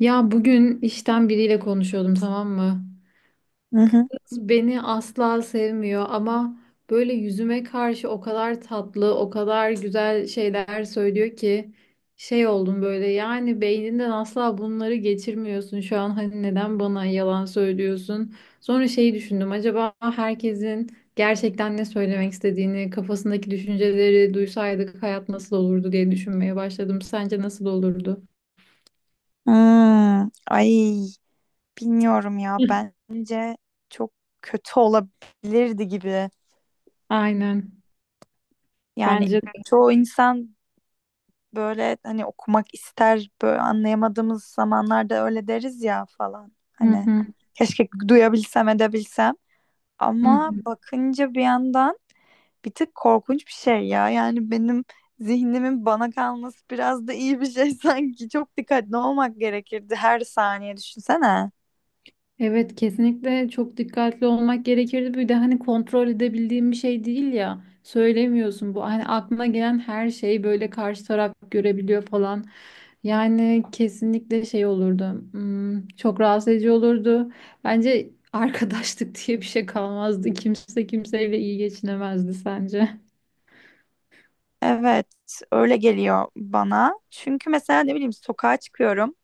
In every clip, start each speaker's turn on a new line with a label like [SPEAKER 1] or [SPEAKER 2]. [SPEAKER 1] Ya bugün işten biriyle konuşuyordum tamam mı?
[SPEAKER 2] Hı hı.
[SPEAKER 1] Kız beni asla sevmiyor ama böyle yüzüme karşı o kadar tatlı, o kadar güzel şeyler söylüyor ki şey oldum böyle yani beyninden asla bunları geçirmiyorsun şu an hani neden bana yalan söylüyorsun? Sonra şeyi düşündüm acaba herkesin gerçekten ne söylemek istediğini, kafasındaki düşünceleri duysaydık hayat nasıl olurdu diye düşünmeye başladım. Sence nasıl olurdu?
[SPEAKER 2] Hmm, ay bilmiyorum ya, bence çok kötü olabilirdi gibi.
[SPEAKER 1] Aynen.
[SPEAKER 2] Yani
[SPEAKER 1] Bence de.
[SPEAKER 2] çoğu insan böyle hani okumak ister, böyle anlayamadığımız zamanlarda öyle deriz ya falan.
[SPEAKER 1] Hı
[SPEAKER 2] Hani
[SPEAKER 1] hı.
[SPEAKER 2] keşke duyabilsem, edebilsem.
[SPEAKER 1] Hı
[SPEAKER 2] Ama
[SPEAKER 1] hı.
[SPEAKER 2] bakınca bir yandan bir tık korkunç bir şey ya. Yani benim zihnimin bana kalması biraz da iyi bir şey sanki. Çok dikkatli olmak gerekirdi her saniye, düşünsene.
[SPEAKER 1] Evet kesinlikle çok dikkatli olmak gerekirdi. Bir de hani kontrol edebildiğim bir şey değil ya. Söylemiyorsun bu. Hani aklına gelen her şeyi böyle karşı taraf görebiliyor falan. Yani kesinlikle şey olurdu. Çok rahatsız edici olurdu. Bence arkadaşlık diye bir şey kalmazdı. Kimse kimseyle iyi geçinemezdi sence.
[SPEAKER 2] Evet, öyle geliyor bana. Çünkü mesela ne bileyim, sokağa çıkıyorum.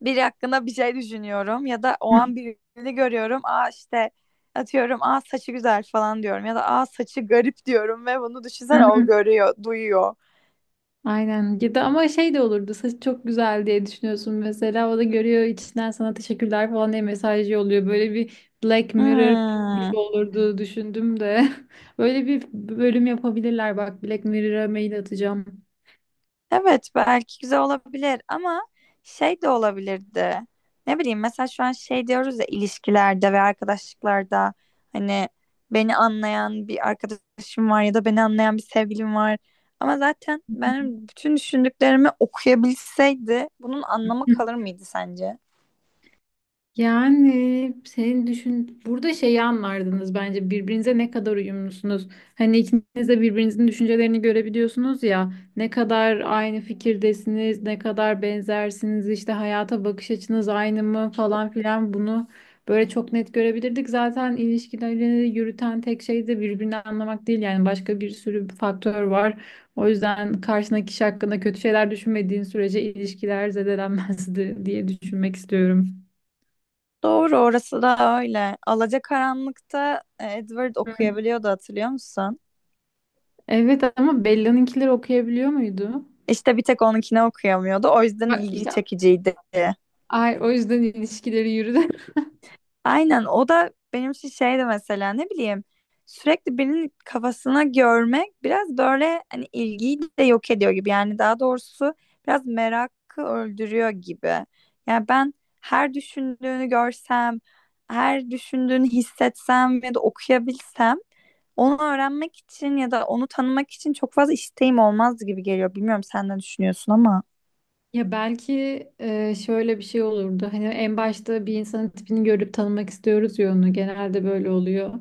[SPEAKER 2] Biri hakkında bir şey düşünüyorum ya da o an birini görüyorum. Aa, işte atıyorum, aa saçı güzel falan diyorum ya da aa saçı garip diyorum ve bunu düşünsene, o görüyor, duyuyor.
[SPEAKER 1] Aynen. Ya da ama şey de olurdu. Saç çok güzel diye düşünüyorsun mesela. O da görüyor içinden sana teşekkürler falan diye mesaj yolluyor. Böyle bir Black Mirror
[SPEAKER 2] Hmm.
[SPEAKER 1] gibi olurdu düşündüm de. Böyle bir bölüm yapabilirler. Bak Black Mirror'a mail atacağım.
[SPEAKER 2] Evet, belki güzel olabilir ama şey de olabilirdi. Ne bileyim, mesela şu an şey diyoruz ya, ilişkilerde ve arkadaşlıklarda hani beni anlayan bir arkadaşım var ya da beni anlayan bir sevgilim var. Ama zaten benim bütün düşündüklerimi okuyabilseydi bunun anlamı kalır mıydı sence?
[SPEAKER 1] Yani senin düşün burada şeyi anlardınız bence birbirinize ne kadar uyumlusunuz. Hani ikiniz de birbirinizin düşüncelerini görebiliyorsunuz ya. Ne kadar aynı fikirdesiniz, ne kadar benzersiniz, işte hayata bakış açınız aynı mı falan filan bunu böyle çok net görebilirdik. Zaten ilişkileri yürüten tek şey de birbirini anlamak değil yani başka bir sürü faktör var. O yüzden karşındaki kişi hakkında kötü şeyler düşünmediğin sürece ilişkiler zedelenmezdi diye düşünmek istiyorum.
[SPEAKER 2] Doğru, orası da öyle. Alacakaranlık'ta Edward okuyabiliyordu, hatırlıyor musun?
[SPEAKER 1] Evet ama Bella'nınkileri okuyabiliyor muydu?
[SPEAKER 2] İşte bir tek onunkine okuyamıyordu. O yüzden
[SPEAKER 1] Bak
[SPEAKER 2] ilgi
[SPEAKER 1] işte
[SPEAKER 2] çekiciydi.
[SPEAKER 1] ay, o yüzden ilişkileri yürüdü.
[SPEAKER 2] Aynen, o da benim için şeydi. Mesela ne bileyim, sürekli birinin kafasına görmek biraz böyle hani ilgiyi de yok ediyor gibi, yani daha doğrusu biraz merakı öldürüyor gibi. Yani ben her düşündüğünü görsem, her düşündüğünü hissetsem ya da okuyabilsem, onu öğrenmek için ya da onu tanımak için çok fazla isteğim olmaz gibi geliyor. Bilmiyorum, sen ne düşünüyorsun ama.
[SPEAKER 1] Ya belki şöyle bir şey olurdu. Hani en başta bir insanın tipini görüp tanımak istiyoruz ya onu. Genelde böyle oluyor.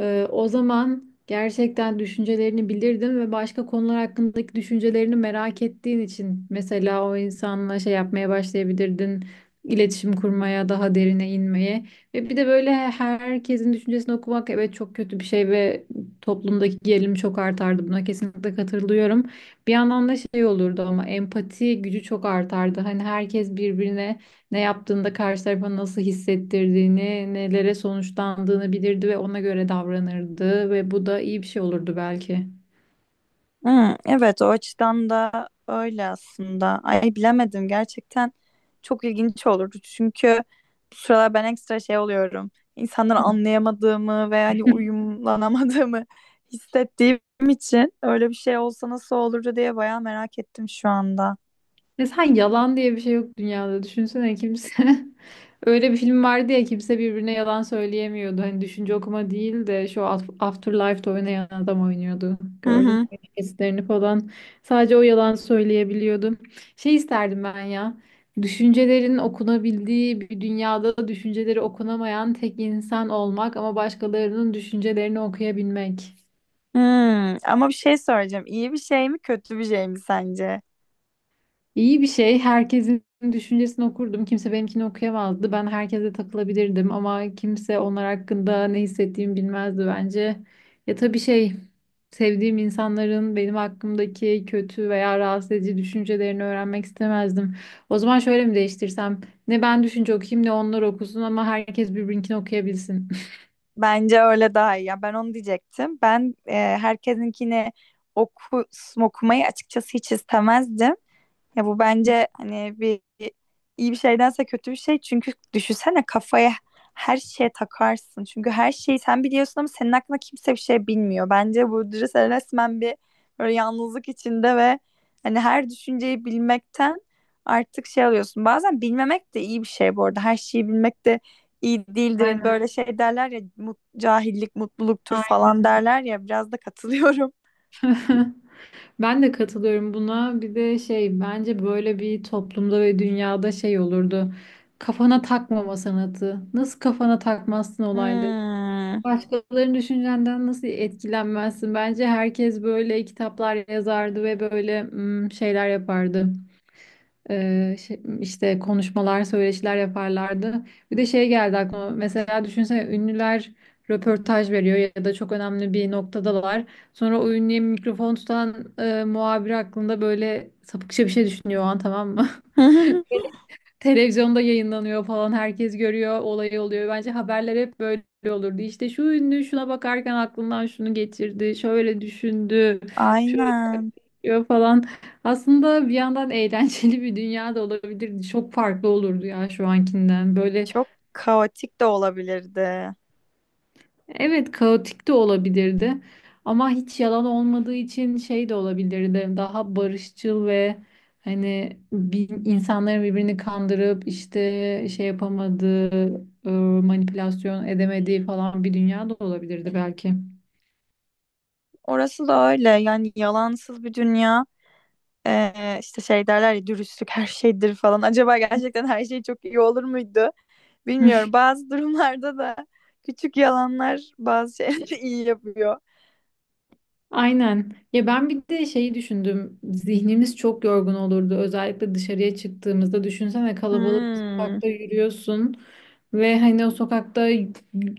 [SPEAKER 1] O zaman gerçekten düşüncelerini bilirdin ve başka konular hakkındaki düşüncelerini merak ettiğin için mesela o insanla şey yapmaya başlayabilirdin, iletişim kurmaya, daha derine inmeye. Ve bir de böyle herkesin düşüncesini okumak evet çok kötü bir şey ve toplumdaki gerilim çok artardı. Buna kesinlikle katılıyorum. Bir yandan da şey olurdu ama empati gücü çok artardı. Hani herkes birbirine ne yaptığında karşı tarafa nasıl hissettirdiğini, nelere sonuçlandığını bilirdi ve ona göre davranırdı ve bu da iyi bir şey olurdu belki.
[SPEAKER 2] Hmm, evet, o açıdan da öyle aslında. Ay, bilemedim gerçekten, çok ilginç olurdu. Çünkü bu sıralar ben ekstra şey oluyorum. İnsanları anlayamadığımı ve hani uyumlanamadığımı hissettiğim için öyle bir şey olsa nasıl olurdu diye bayağı merak ettim şu anda.
[SPEAKER 1] Ya sen yalan diye bir şey yok dünyada. Düşünsene kimse. Öyle bir film vardı ya kimse birbirine yalan söyleyemiyordu. Hani düşünce okuma değil de şu Afterlife'da oynayan adam oynuyordu.
[SPEAKER 2] Hı
[SPEAKER 1] Gördün
[SPEAKER 2] hı.
[SPEAKER 1] mü kesitlerini falan. Sadece o yalan söyleyebiliyordu. Şey isterdim ben ya. Düşüncelerin okunabildiği bir dünyada düşünceleri okunamayan tek insan olmak ama başkalarının düşüncelerini okuyabilmek.
[SPEAKER 2] Hmm, ama bir şey soracağım. İyi bir şey mi kötü bir şey mi sence?
[SPEAKER 1] İyi bir şey. Herkesin düşüncesini okurdum. Kimse benimkini okuyamazdı. Ben herkese takılabilirdim ama kimse onlar hakkında ne hissettiğimi bilmezdi bence. Ya tabii şey, sevdiğim insanların benim hakkımdaki kötü veya rahatsız edici düşüncelerini öğrenmek istemezdim. O zaman şöyle mi değiştirsem? Ne ben düşünce okuyayım ne onlar okusun ama herkes birbirinkini okuyabilsin.
[SPEAKER 2] Bence öyle daha iyi. Ya ben onu diyecektim. Ben herkesinkini oku, okumayı açıkçası hiç istemezdim. Ya bu bence hani bir iyi bir şeydense kötü bir şey. Çünkü düşünsene, kafaya her şeye takarsın. Çünkü her şeyi sen biliyorsun ama senin hakkında kimse bir şey bilmiyor. Bence bu, sen resmen bir böyle yalnızlık içinde ve hani her düşünceyi bilmekten artık şey alıyorsun. Bazen bilmemek de iyi bir şey bu arada. Her şeyi bilmek de iyi değildir. Hani
[SPEAKER 1] Aynen.
[SPEAKER 2] böyle şey derler ya, cahillik mutluluktur falan
[SPEAKER 1] Aynen.
[SPEAKER 2] derler ya, biraz da katılıyorum.
[SPEAKER 1] Ben de katılıyorum buna. Bir de şey bence böyle bir toplumda ve dünyada şey olurdu. Kafana takmama sanatı. Nasıl kafana takmazsın olayları?
[SPEAKER 2] Hmm.
[SPEAKER 1] Başkalarının düşüncenden nasıl etkilenmezsin? Bence herkes böyle kitaplar yazardı ve böyle şeyler yapardı. İşte konuşmalar, söyleşiler yaparlardı. Bir de şey geldi aklıma. Mesela düşünsene ünlüler röportaj veriyor ya da çok önemli bir noktadalar. Sonra o ünlüye mikrofon tutan muhabir hakkında böyle sapıkça bir şey düşünüyor o an tamam mı? Televizyonda yayınlanıyor falan herkes görüyor olay oluyor. Bence haberler hep böyle olurdu. İşte şu ünlü şuna bakarken aklından şunu geçirdi. Şöyle düşündü. Şöyle
[SPEAKER 2] Aynen.
[SPEAKER 1] yapıyor falan. Aslında bir yandan eğlenceli bir dünya da olabilirdi. Çok farklı olurdu ya şu ankinden. Böyle...
[SPEAKER 2] Çok kaotik de olabilirdi.
[SPEAKER 1] Evet, kaotik de olabilirdi. Ama hiç yalan olmadığı için şey de olabilirdi. Daha barışçıl ve hani bir, insanların birbirini kandırıp işte şey yapamadığı, manipülasyon edemediği falan bir dünya da olabilirdi belki.
[SPEAKER 2] Orası da öyle. Yani yalansız bir dünya. İşte şey derler ya, dürüstlük her şeydir falan. Acaba gerçekten her şey çok iyi olur muydu? Bilmiyorum. Bazı durumlarda da küçük yalanlar bazı şeyleri iyi yapıyor.
[SPEAKER 1] Aynen. Ya ben bir de şeyi düşündüm. Zihnimiz çok yorgun olurdu. Özellikle dışarıya çıktığımızda düşünsene kalabalık bir
[SPEAKER 2] Hmm.
[SPEAKER 1] sokakta yürüyorsun ve hani o sokakta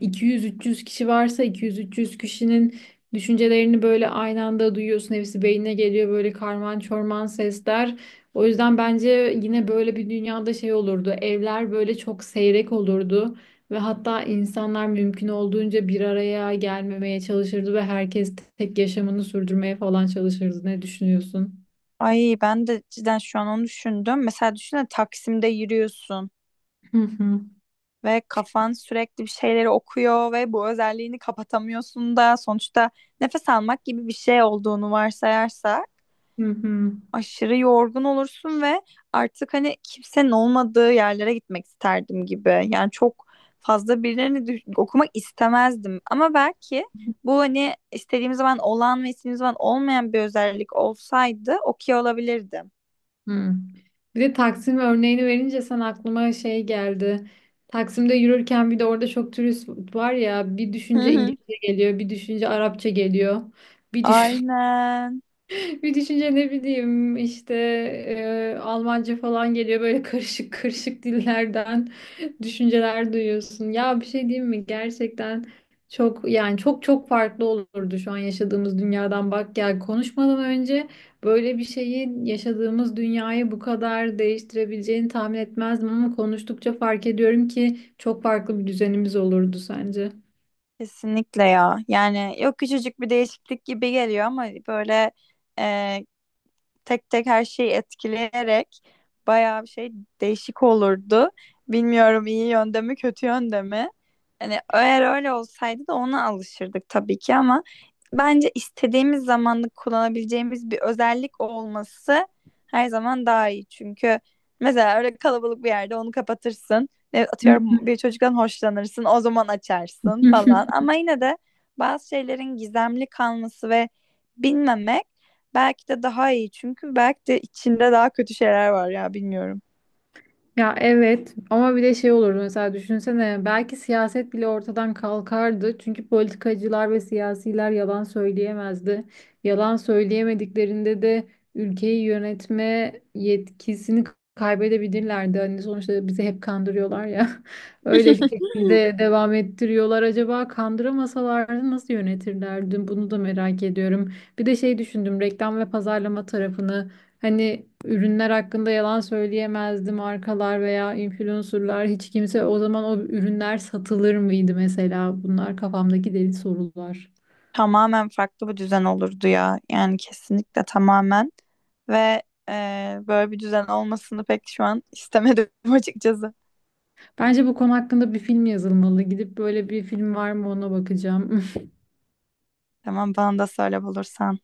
[SPEAKER 1] 200-300 kişi varsa 200-300 kişinin düşüncelerini böyle aynı anda duyuyorsun. Hepsi beynine geliyor böyle karman çorman sesler. O yüzden bence yine böyle bir dünyada şey olurdu. Evler böyle çok seyrek olurdu. Ve hatta insanlar mümkün olduğunca bir araya gelmemeye çalışırdı ve herkes tek yaşamını sürdürmeye falan çalışırdı. Ne düşünüyorsun?
[SPEAKER 2] Ay, ben de cidden şu an onu düşündüm. Mesela düşünsene, Taksim'de yürüyorsun
[SPEAKER 1] Hı hı.
[SPEAKER 2] ve kafan sürekli bir şeyleri okuyor ve bu özelliğini kapatamıyorsun da, sonuçta nefes almak gibi bir şey olduğunu varsayarsak
[SPEAKER 1] Hı hı.
[SPEAKER 2] aşırı yorgun olursun ve artık hani kimsenin olmadığı yerlere gitmek isterdim gibi. Yani çok fazla birilerini okumak istemezdim. Ama belki bu hani istediğim zaman olan ve istediğim zaman olmayan bir özellik olsaydı okey olabilirdim.
[SPEAKER 1] Hı. Bir de Taksim örneğini verince sen aklıma şey geldi. Taksim'de yürürken bir de orada çok turist var ya bir
[SPEAKER 2] Hı
[SPEAKER 1] düşünce
[SPEAKER 2] hı.
[SPEAKER 1] İngilizce geliyor, bir düşünce Arapça geliyor. Bir düşünce...
[SPEAKER 2] Aynen.
[SPEAKER 1] Bir düşünce ne bileyim işte Almanca falan geliyor böyle karışık karışık dillerden düşünceler duyuyorsun. Ya bir şey diyeyim mi? Gerçekten çok yani çok çok farklı olurdu şu an yaşadığımız dünyadan. Bak ya konuşmadan önce böyle bir şeyi yaşadığımız dünyayı bu kadar değiştirebileceğini tahmin etmezdim ama konuştukça fark ediyorum ki çok farklı bir düzenimiz olurdu sence.
[SPEAKER 2] Kesinlikle ya. Yani yok, küçücük bir değişiklik gibi geliyor ama böyle e, tek tek her şeyi etkileyerek bayağı bir şey değişik olurdu. Bilmiyorum, iyi yönde mi kötü yönde mi? Hani eğer öyle olsaydı da ona alışırdık tabii ki, ama bence istediğimiz zamanlık kullanabileceğimiz bir özellik olması her zaman daha iyi. Çünkü mesela öyle kalabalık bir yerde onu kapatırsın. Atıyorum, bir çocuktan hoşlanırsın, o zaman açarsın falan. Ama yine de bazı şeylerin gizemli kalması ve bilmemek belki de daha iyi, çünkü belki de içinde daha kötü şeyler var ya, bilmiyorum.
[SPEAKER 1] Ya evet ama bir de şey olurdu mesela düşünsene belki siyaset bile ortadan kalkardı. Çünkü politikacılar ve siyasiler yalan söyleyemezdi. Yalan söyleyemediklerinde de ülkeyi yönetme yetkisini kaybedebilirlerdi. Hani sonuçta bizi hep kandırıyorlar ya. Öyle bir şekilde devam ettiriyorlar. Acaba kandıramasalardı nasıl yönetirlerdi? Bunu da merak ediyorum. Bir de şey düşündüm reklam ve pazarlama tarafını. Hani ürünler hakkında yalan söyleyemezdi markalar veya influencerlar hiç kimse o zaman o ürünler satılır mıydı mesela bunlar kafamdaki deli sorular.
[SPEAKER 2] Tamamen farklı bir düzen olurdu ya. Yani kesinlikle tamamen ve böyle bir düzen olmasını pek şu an istemedim açıkçası.
[SPEAKER 1] Bence bu konu hakkında bir film yazılmalı. Gidip böyle bir film var mı ona bakacağım.
[SPEAKER 2] Tamam, bana da söyle bulursan.